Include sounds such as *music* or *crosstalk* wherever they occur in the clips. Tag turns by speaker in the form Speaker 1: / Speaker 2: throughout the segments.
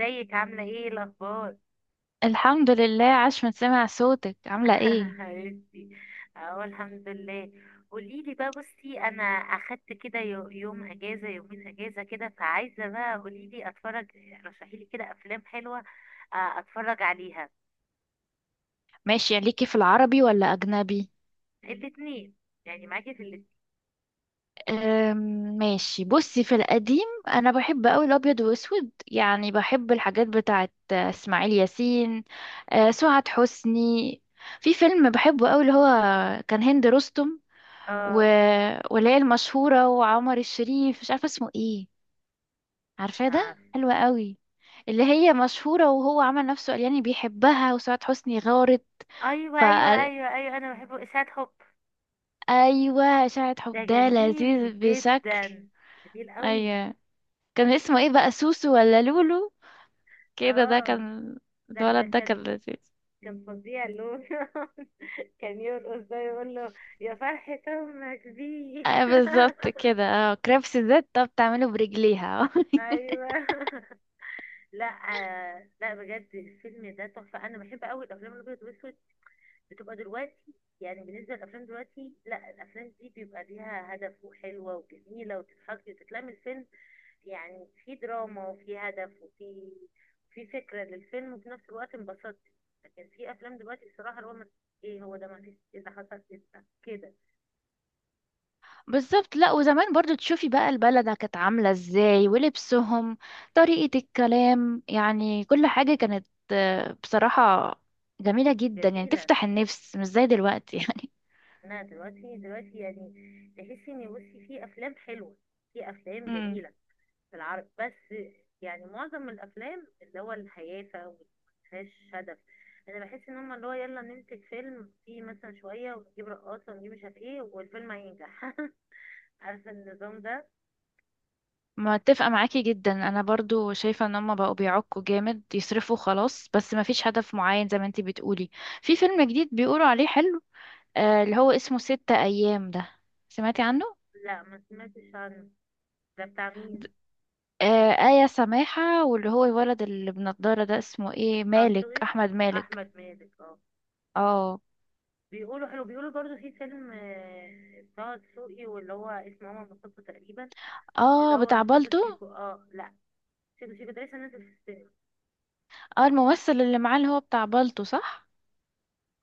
Speaker 1: ازيك عاملة ايه الأخبار؟
Speaker 2: الحمد لله. عاش من سمع صوتك، عاملة ايه؟
Speaker 1: *laughs* حبيبتي. اهو الحمد لله. قوليلي بقى، بصي أنا أخدت كده يوم أجازة، يومين أجازة كده، فعايزة بقى قوليلي أتفرج. رشحيلي كده أفلام حلوة أتفرج عليها.
Speaker 2: ماشي، ليكي في العربي ولا أجنبي؟
Speaker 1: الاتنين، يعني معاكي في الاتنين.
Speaker 2: أم، ماشي، بصي في القديم. أنا بحب أوي الأبيض وأسود، يعني بحب الحاجات بتاعت إسماعيل ياسين، سعاد حسني. في فيلم بحبه أوي، اللي هو كان هند رستم و...
Speaker 1: اه،
Speaker 2: واللي هي المشهورة وعمر الشريف، مش عارفة اسمه ايه. عارفاه
Speaker 1: مش
Speaker 2: ده،
Speaker 1: عارفة.
Speaker 2: حلوة أوي. اللي هي مشهورة وهو عمل نفسه قال يعني بيحبها، وسعاد حسني غارت.
Speaker 1: أيوه أيوه أيوه أيوه، أنا بحبه إشاعة حب.
Speaker 2: ايوه، اشاعة
Speaker 1: ده
Speaker 2: حب ده
Speaker 1: جميل
Speaker 2: لذيذ
Speaker 1: جدا،
Speaker 2: بشكل.
Speaker 1: جميل قوي.
Speaker 2: ايوه. كان اسمه ايه بقى، سوسو ولا لولو كده؟ ده
Speaker 1: اه،
Speaker 2: كان
Speaker 1: لا ده
Speaker 2: الولد ده كان
Speaker 1: كان،
Speaker 2: لذيذ.
Speaker 1: كان فظيع اللون *laughs* كان يرقص، ده يقول له يا فرحة أمك بيك *laughs*
Speaker 2: ايوه، بالظبط كده. اه، كريبس الزيت، طب بتعمله برجليها. *laughs*
Speaker 1: أيوه *laughs* لا لا بجد الفيلم ده تحفة. أنا بحب أوي الأفلام الأبيض والأسود. بتبقى دلوقتي، يعني بالنسبة للأفلام دلوقتي، لا الأفلام دي بيبقى ليها هدف، وحلوة وجميلة وتضحكي وتتلم الفيلم. يعني في دراما وفي هدف وفي فكرة للفيلم، وفي نفس الوقت انبسطت. لكن في أفلام دلوقتي الصراحة اللي هو ما- إيه هو ده، ما فيش، إيه ده حصل، إيه ده كده.
Speaker 2: بالظبط. لا، وزمان برضو تشوفي بقى البلد كانت عاملة ازاي ولبسهم، طريقة الكلام، يعني كل حاجة كانت بصراحة جميلة جدا، يعني
Speaker 1: جميلة.
Speaker 2: تفتح النفس، مش زي دلوقتي *laughs* يعني.
Speaker 1: انا دلوقتي، دلوقتي يعني تحسي ان بصي في افلام حلوه، في افلام جميله في العرب بس. يعني معظم الافلام اللي هو الهيافه، ومفيهاش هدف. انا بحس ان هم اللي هو يلا ننتج فيلم فيه مثلا شويه ونجيب رقاصه ونجيب مش عارف ايه، والفيلم هينجح *laughs* عارفه النظام ده.
Speaker 2: متفقة معاكي جدا، انا برضو شايفة ان هما بقوا بيعكوا جامد، يصرفوا خلاص بس مفيش هدف معين زي ما انتي بتقولي. في فيلم جديد بيقولوا عليه حلو، اللي هو اسمه 6 ايام ده، سمعتي عنه؟
Speaker 1: لا، ما سمعتش عنه. ده بتاع
Speaker 2: د-
Speaker 1: مين؟
Speaker 2: آه، آية سماحة، واللي هو الولد اللي بنضارة ده اسمه ايه،
Speaker 1: بتاع
Speaker 2: مالك،
Speaker 1: دسوقي،
Speaker 2: احمد مالك.
Speaker 1: احمد مالك اه.
Speaker 2: اه.
Speaker 1: بيقولوا حلو. بيقولوا برضو في فيلم بتاع دسوقي واللي هو اسمه ماما مصطفى تقريبا. اللي
Speaker 2: اه،
Speaker 1: هو
Speaker 2: بتاع
Speaker 1: سيكو
Speaker 2: بالطو.
Speaker 1: سيكو، اه لا سيكو سيكو ده لسه نازل في السينما.
Speaker 2: اه، الممثل اللي معاه اللي هو بتاع بالطو، صح؟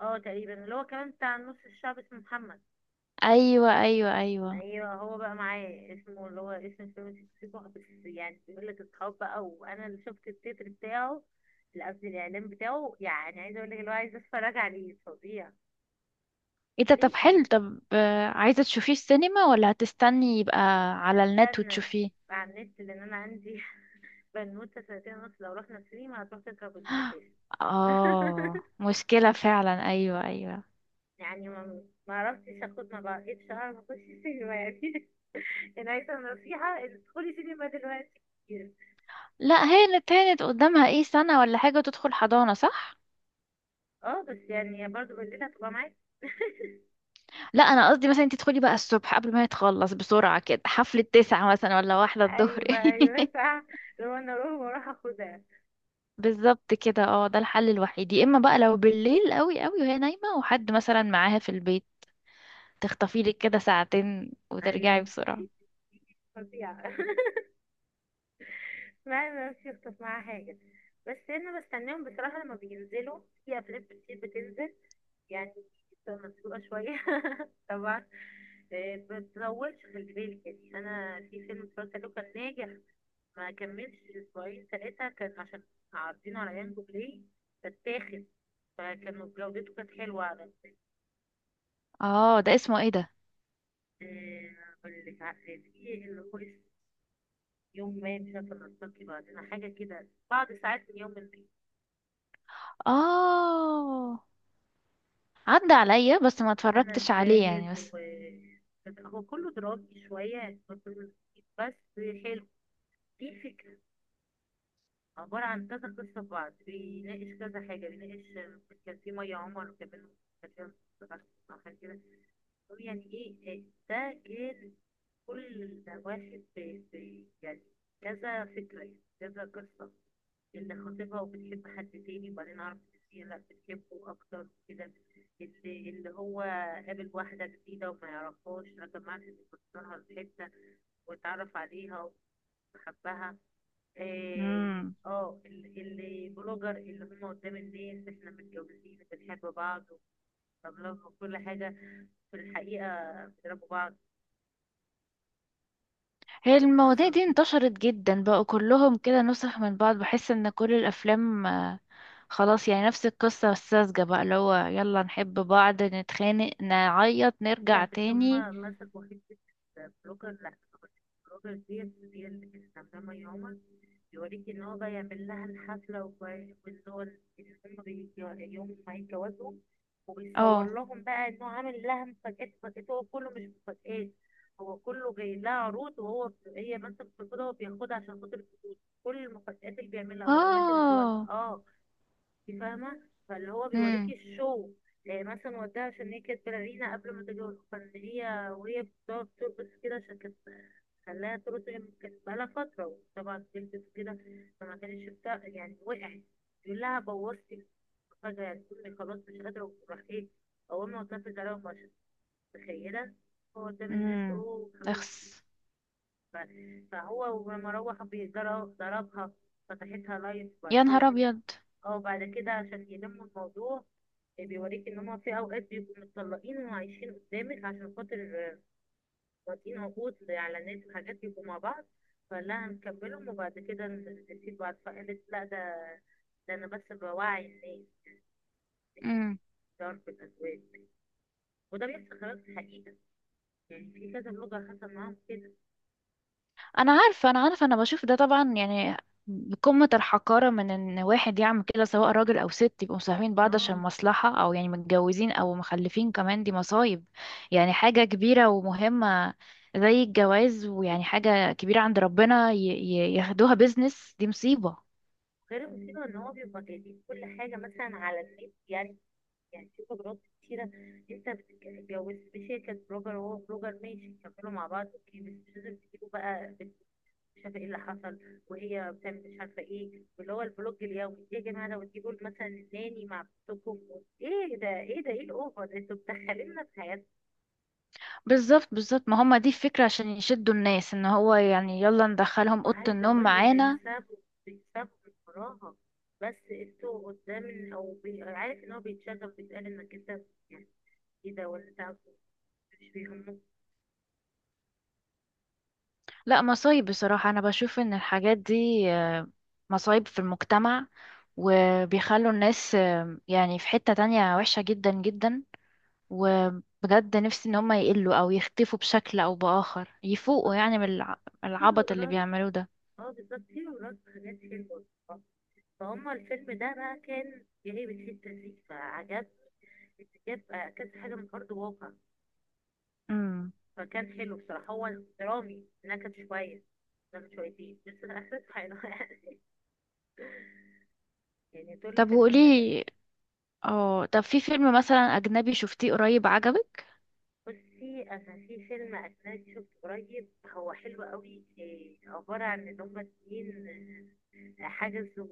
Speaker 1: اه تقريبا اللي هو كمان بتاع نص الشعب، اسمه محمد.
Speaker 2: ايوه ايوه ايوه.
Speaker 1: ايوه هو بقى معاه، اسمه اللي هو اسم الفيلم سيكو سيكو. بس يعني بيقول لك اصحاب بقى، وانا اللي شفت التتر بتاعه. لا، قصدي الاعلان بتاعه. يعني عايزه اقول لك اللي هو عايزه اتفرج عليه فظيع.
Speaker 2: ايه ده؟ طب
Speaker 1: ليه
Speaker 2: حلو.
Speaker 1: هس-
Speaker 2: طب، عايزة تشوفيه السينما ولا هتستني يبقى على النت
Speaker 1: هستنى
Speaker 2: وتشوفيه؟
Speaker 1: على النت لان انا عندي *laughs* بنوته سنتين ونص. لو رحنا سينما هتروح تركب الدفاف
Speaker 2: اه،
Speaker 1: *laughs*
Speaker 2: مشكلة فعلا، ايوه ايوه.
Speaker 1: يعني ما عرفتش اخد، ما بقتش اعرف اخش السينما يعني *laughs* يعني عايزه نصيحه إن تدخلي سينما دلوقتي كتير.
Speaker 2: لا، هانت هانت، قدامها ايه، سنة ولا حاجة تدخل حضانة، صح؟
Speaker 1: اه، بس يعني برضو بالليل هتبقى معاك *laughs*
Speaker 2: لا، انا قصدي مثلا انت تدخلي بقى الصبح قبل ما يتخلص، بسرعة كده، حفلة تسعة مثلا ولا واحدة الظهر.
Speaker 1: ايوه ايوه
Speaker 2: *laughs*
Speaker 1: صح، لو انا اروح واروح اخدها.
Speaker 2: بالظبط كده. اه، ده الحل الوحيد، يا اما بقى لو بالليل قوي قوي وهي نايمة وحد مثلا معاها في البيت، تخطفي لك كده ساعتين وترجعي
Speaker 1: ايوه،
Speaker 2: بسرعة.
Speaker 1: دي فظيعه *laughs* ما مش يخطف معاها حاجه. بس انا بستناهم بصراحه، لما بينزلوا في افلام كتير بتنزل يعني. بتبقى مسلوقة شوية *laughs* طبعا. ما تطولش خلي بالك. يعني أنا في فيلم اتفرجت عليه كان ناجح، ما كملش أسبوعين ثلاثة، كان عشان عارضينه على يانجو بلاي فاتاخد. فكان جودته كانت حلوة على
Speaker 2: اه، ده اسمه ايه ده؟
Speaker 1: اللي في اللي هو اسمه يوم ما مش عارفة نلتقي بعدين، حاجة كده بعد ساعات من يوم ما.
Speaker 2: اه، عدى عليا بس ما
Speaker 1: هنا
Speaker 2: اتفرجتش عليه يعني،
Speaker 1: الزاهد، و
Speaker 2: بس.
Speaker 1: هو كله درامي شوية بس حلو، في فكرة. عبارة عن كذا قصة في بعض، بيناقش كذا حاجة، بيناقش كان في مية عمر كمان. كان فيها قصة أو حاجة كده. هو يعني إيه إيه، ده كان كل واحد يعني كذا فكرة يعني كذا قصة. اللي خاطبها وبتحب حد تاني، وبعدين عرفت إن هي لا بتحبه أكتر وكده. اللي هو قابل واحدة جديدة وما يعرفهاش، لكن معرفش إنه في حتة واتعرف عليها وحبها. اه
Speaker 2: مم.
Speaker 1: اللي بلوجر، اللي هم قدام الناس احنا متجوزين بنحب بعض وبنلاف وكل حاجة. في الحقيقة بيضربوا بعض
Speaker 2: هي المواضيع
Speaker 1: وهيتكلموا.
Speaker 2: دي انتشرت جدا، بقوا كلهم كده نسخ من بعض. بحس ان كل الافلام خلاص يعني نفس القصة الساذجة بقى، اللي هو يلا نحب بعض، نتخانق، نعيط،
Speaker 1: لا
Speaker 2: نرجع
Speaker 1: بس
Speaker 2: تاني.
Speaker 1: هما مسكوا حتة بلوجر، لا بلوجر ديت. هي اللي كانت عاملة يوما بيوريك ان هو بقى يعمل لها الحفلة وان هو إن يوم ما يتجوزوا. وبيصور
Speaker 2: اه.
Speaker 1: لهم بقى انه عامل لها مفاجآت، مفاجآت هو كله مش مفاجآت. هو كله جاي لها عروض، هي بس بتاخدها وبياخدها عشان خاطر الفلوس. كل المفاجآت اللي بيعملها والأماكن اللي هو
Speaker 2: اه.
Speaker 1: اه فاهمة، فاللي هو بيوريكي
Speaker 2: امم.
Speaker 1: الشو. يعني مثلا وداها عشان هي كانت بالغينة قبل ما تتجوز، فان هي وهي بتقعد ترقص كده عشان كانت خلاها ترقص هي كانت بقالها فترة، وطبعا بتلبس كده فما كانتش بتاع يعني، وقعت. يقول لها بوظتي فجأة، يعني أمي خلاص مش قادرة، وراح إيه أول ما وصلت عليها ومشت. متخيلة، هو قدام الناس
Speaker 2: امم.
Speaker 1: أوه حبيبتي.
Speaker 2: اخس.
Speaker 1: فهو ولما روح ضربها، فتحتها لايف. وبعد
Speaker 2: يا نهار
Speaker 1: كده،
Speaker 2: ابيض.
Speaker 1: اه بعد كده عشان يلموا الموضوع، بيوريك ان هما في اوقات بيبقوا متطلقين وعايشين قدامك عشان خاطر واطيين عقود على ناس وحاجات بيبقوا مع بعض. فقال لها هنكملهم وبعد كده نسيب بعض، فقالت لا ده، ده انا بس بوعي الناس، تعرف الازواج، وده بيحصل خلاف الحقيقة. يعني في كذا بلوجر حصل معاهم كده.
Speaker 2: انا عارفه، انا عارفه، انا بشوف ده طبعا. يعني قمه الحقاره من ان واحد يعمل كده، سواء راجل او ست، يبقوا مصاحبين بعض عشان
Speaker 1: اه
Speaker 2: مصلحه، او يعني متجوزين، او مخلفين كمان، دي مصايب. يعني حاجه كبيره ومهمه، زي الجواز، ويعني حاجه كبيره عند ربنا، ياخدوها بيزنس، دي مصيبه.
Speaker 1: غير المصيبة ان هو بيبقى جايبين كل حاجة مثلا على النت يعني. يعني في بلوجرات كتيرة، انت بتتجوز بشركة بلوجر وهو بلوجر، ماشي كملوا مع بعض اوكي، بس مش لازم تجيبوا بقى مش عارفه ايه اللي حصل وهي بتعمل مش عارفه ايه واللي هو البلوج اليومي. ايه يا جماعه لو تجيبوا مثلا الناني مع بنتكم؟ ايه ده، ايه ده، ايه الاوفر ده؟ انتوا مدخليننا في حياتنا.
Speaker 2: بالظبط بالظبط، ما هم دي الفكره، عشان يشدوا الناس، ان هو يعني يلا ندخلهم اوضه
Speaker 1: وعايزه
Speaker 2: النوم
Speaker 1: اقول لك
Speaker 2: معانا.
Speaker 1: بيكسبوا، بيكسبوا من وراها. بس انتوا قدام، او عارف ان هو بيتشغل، بيتقال انك انت يعني ايه ده، ولا انت مش بيهمك.
Speaker 2: لا، مصايب بصراحة. أنا بشوف إن الحاجات دي آه، مصايب في المجتمع، وبيخلوا الناس يعني في حتة تانية وحشة جدا جدا، وبجد نفسي إن هم يقلوا أو يختفوا بشكل أو بآخر، يفوقوا يعني من
Speaker 1: في
Speaker 2: العبط اللي
Speaker 1: بلوجرات،
Speaker 2: بيعملوه ده.
Speaker 1: اه بالظبط في بلوجرات حاجات حلوه. فهم الفيلم ده بقى كان جايب الحته دي فعجبني. جاب كذا حاجه من ارض واقع،
Speaker 2: امم.
Speaker 1: فكان حلو بصراحة. هو درامي انها كانت شوية نكت شويتين، بس في الأساس حلو يعني *laughs* يعني طول
Speaker 2: طب
Speaker 1: الفيلم نكت.
Speaker 2: وقولي، اه، طب في فيلم مثلا أجنبي شفتيه قريب، عجبك؟
Speaker 1: بصي أنا في فيلم أجنبي شفته قريب هو حلو قوي. عبارة عن إن هما اتنين حجزوا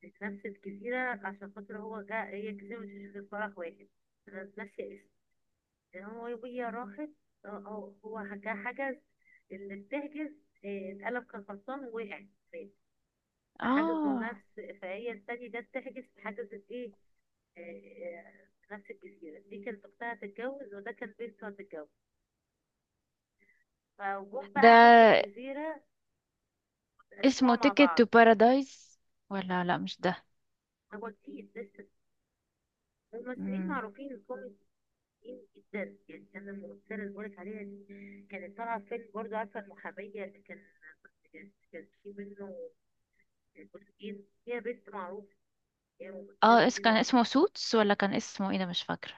Speaker 1: في نفس الجزيرة عشان خاطر هو جا، هي جزيرة مش في فرح واحد. أنا ناسية اسمه. يعني هو وهي راحت، هو جا حجز اللي بتحجز، اتقلب كان غلطان ووقع في، فحجزوا
Speaker 2: اه،
Speaker 1: نفس، فهي الثانية جت تحجز، حجزت ايه في نفس الجزيرة دي. كانت أختها هتتجوز، وده كان بنته هتتجوز، فجم بقى على نفس
Speaker 2: ده
Speaker 1: الجزيرة. قسموها
Speaker 2: اسمه
Speaker 1: مع
Speaker 2: تيكت
Speaker 1: بعض.
Speaker 2: تو بارادايس ولا؟ لا، مش
Speaker 1: هو كتير لسه.
Speaker 2: ده.
Speaker 1: ممثلين معروفين كوميديين جدا يعني. كان الممثلة اللي بقولك عليها دي كانت طالعة في فيلم برضه، عارفة المحامية اللي كان، كان في منه جزئين. هي بنت معروفة، هي ممثلة
Speaker 2: اه،
Speaker 1: دي
Speaker 2: كان
Speaker 1: معروفة.
Speaker 2: اسمه سوتس ولا كان اسمه ايه، ده مش فاكرة.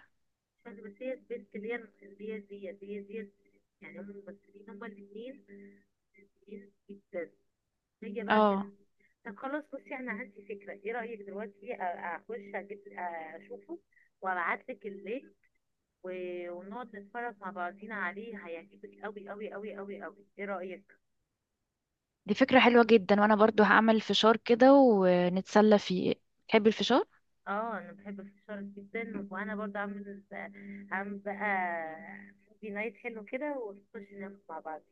Speaker 1: بس هي سبيس كلير ديت، ديت هي ديت. يعني هم الممثلين، هما الاثنين ممثلين جدا. نيجي بقى
Speaker 2: اه.
Speaker 1: كان، طب خلاص بصي انا عندي فكرة. ايه رأيك دلوقتي اخش اجيب اشوفه وابعتلك اللينك، ونقعد نتفرج مع بعضينا عليه، هيعجبك قوي قوي قوي قوي قوي. ايه رأيك؟
Speaker 2: دي فكرة حلوة جدا، وانا برضو هعمل فشار كده ونتسلى فيه. تحبي الفشار؟
Speaker 1: اه انا بحب الفشار جدا، وانا برضه عامل، عامل بقى موفي نايت حلو كده، ونخش ناكل مع بعض.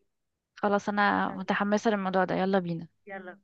Speaker 2: خلاص، انا متحمسة للموضوع ده، يلا بينا.
Speaker 1: يلا.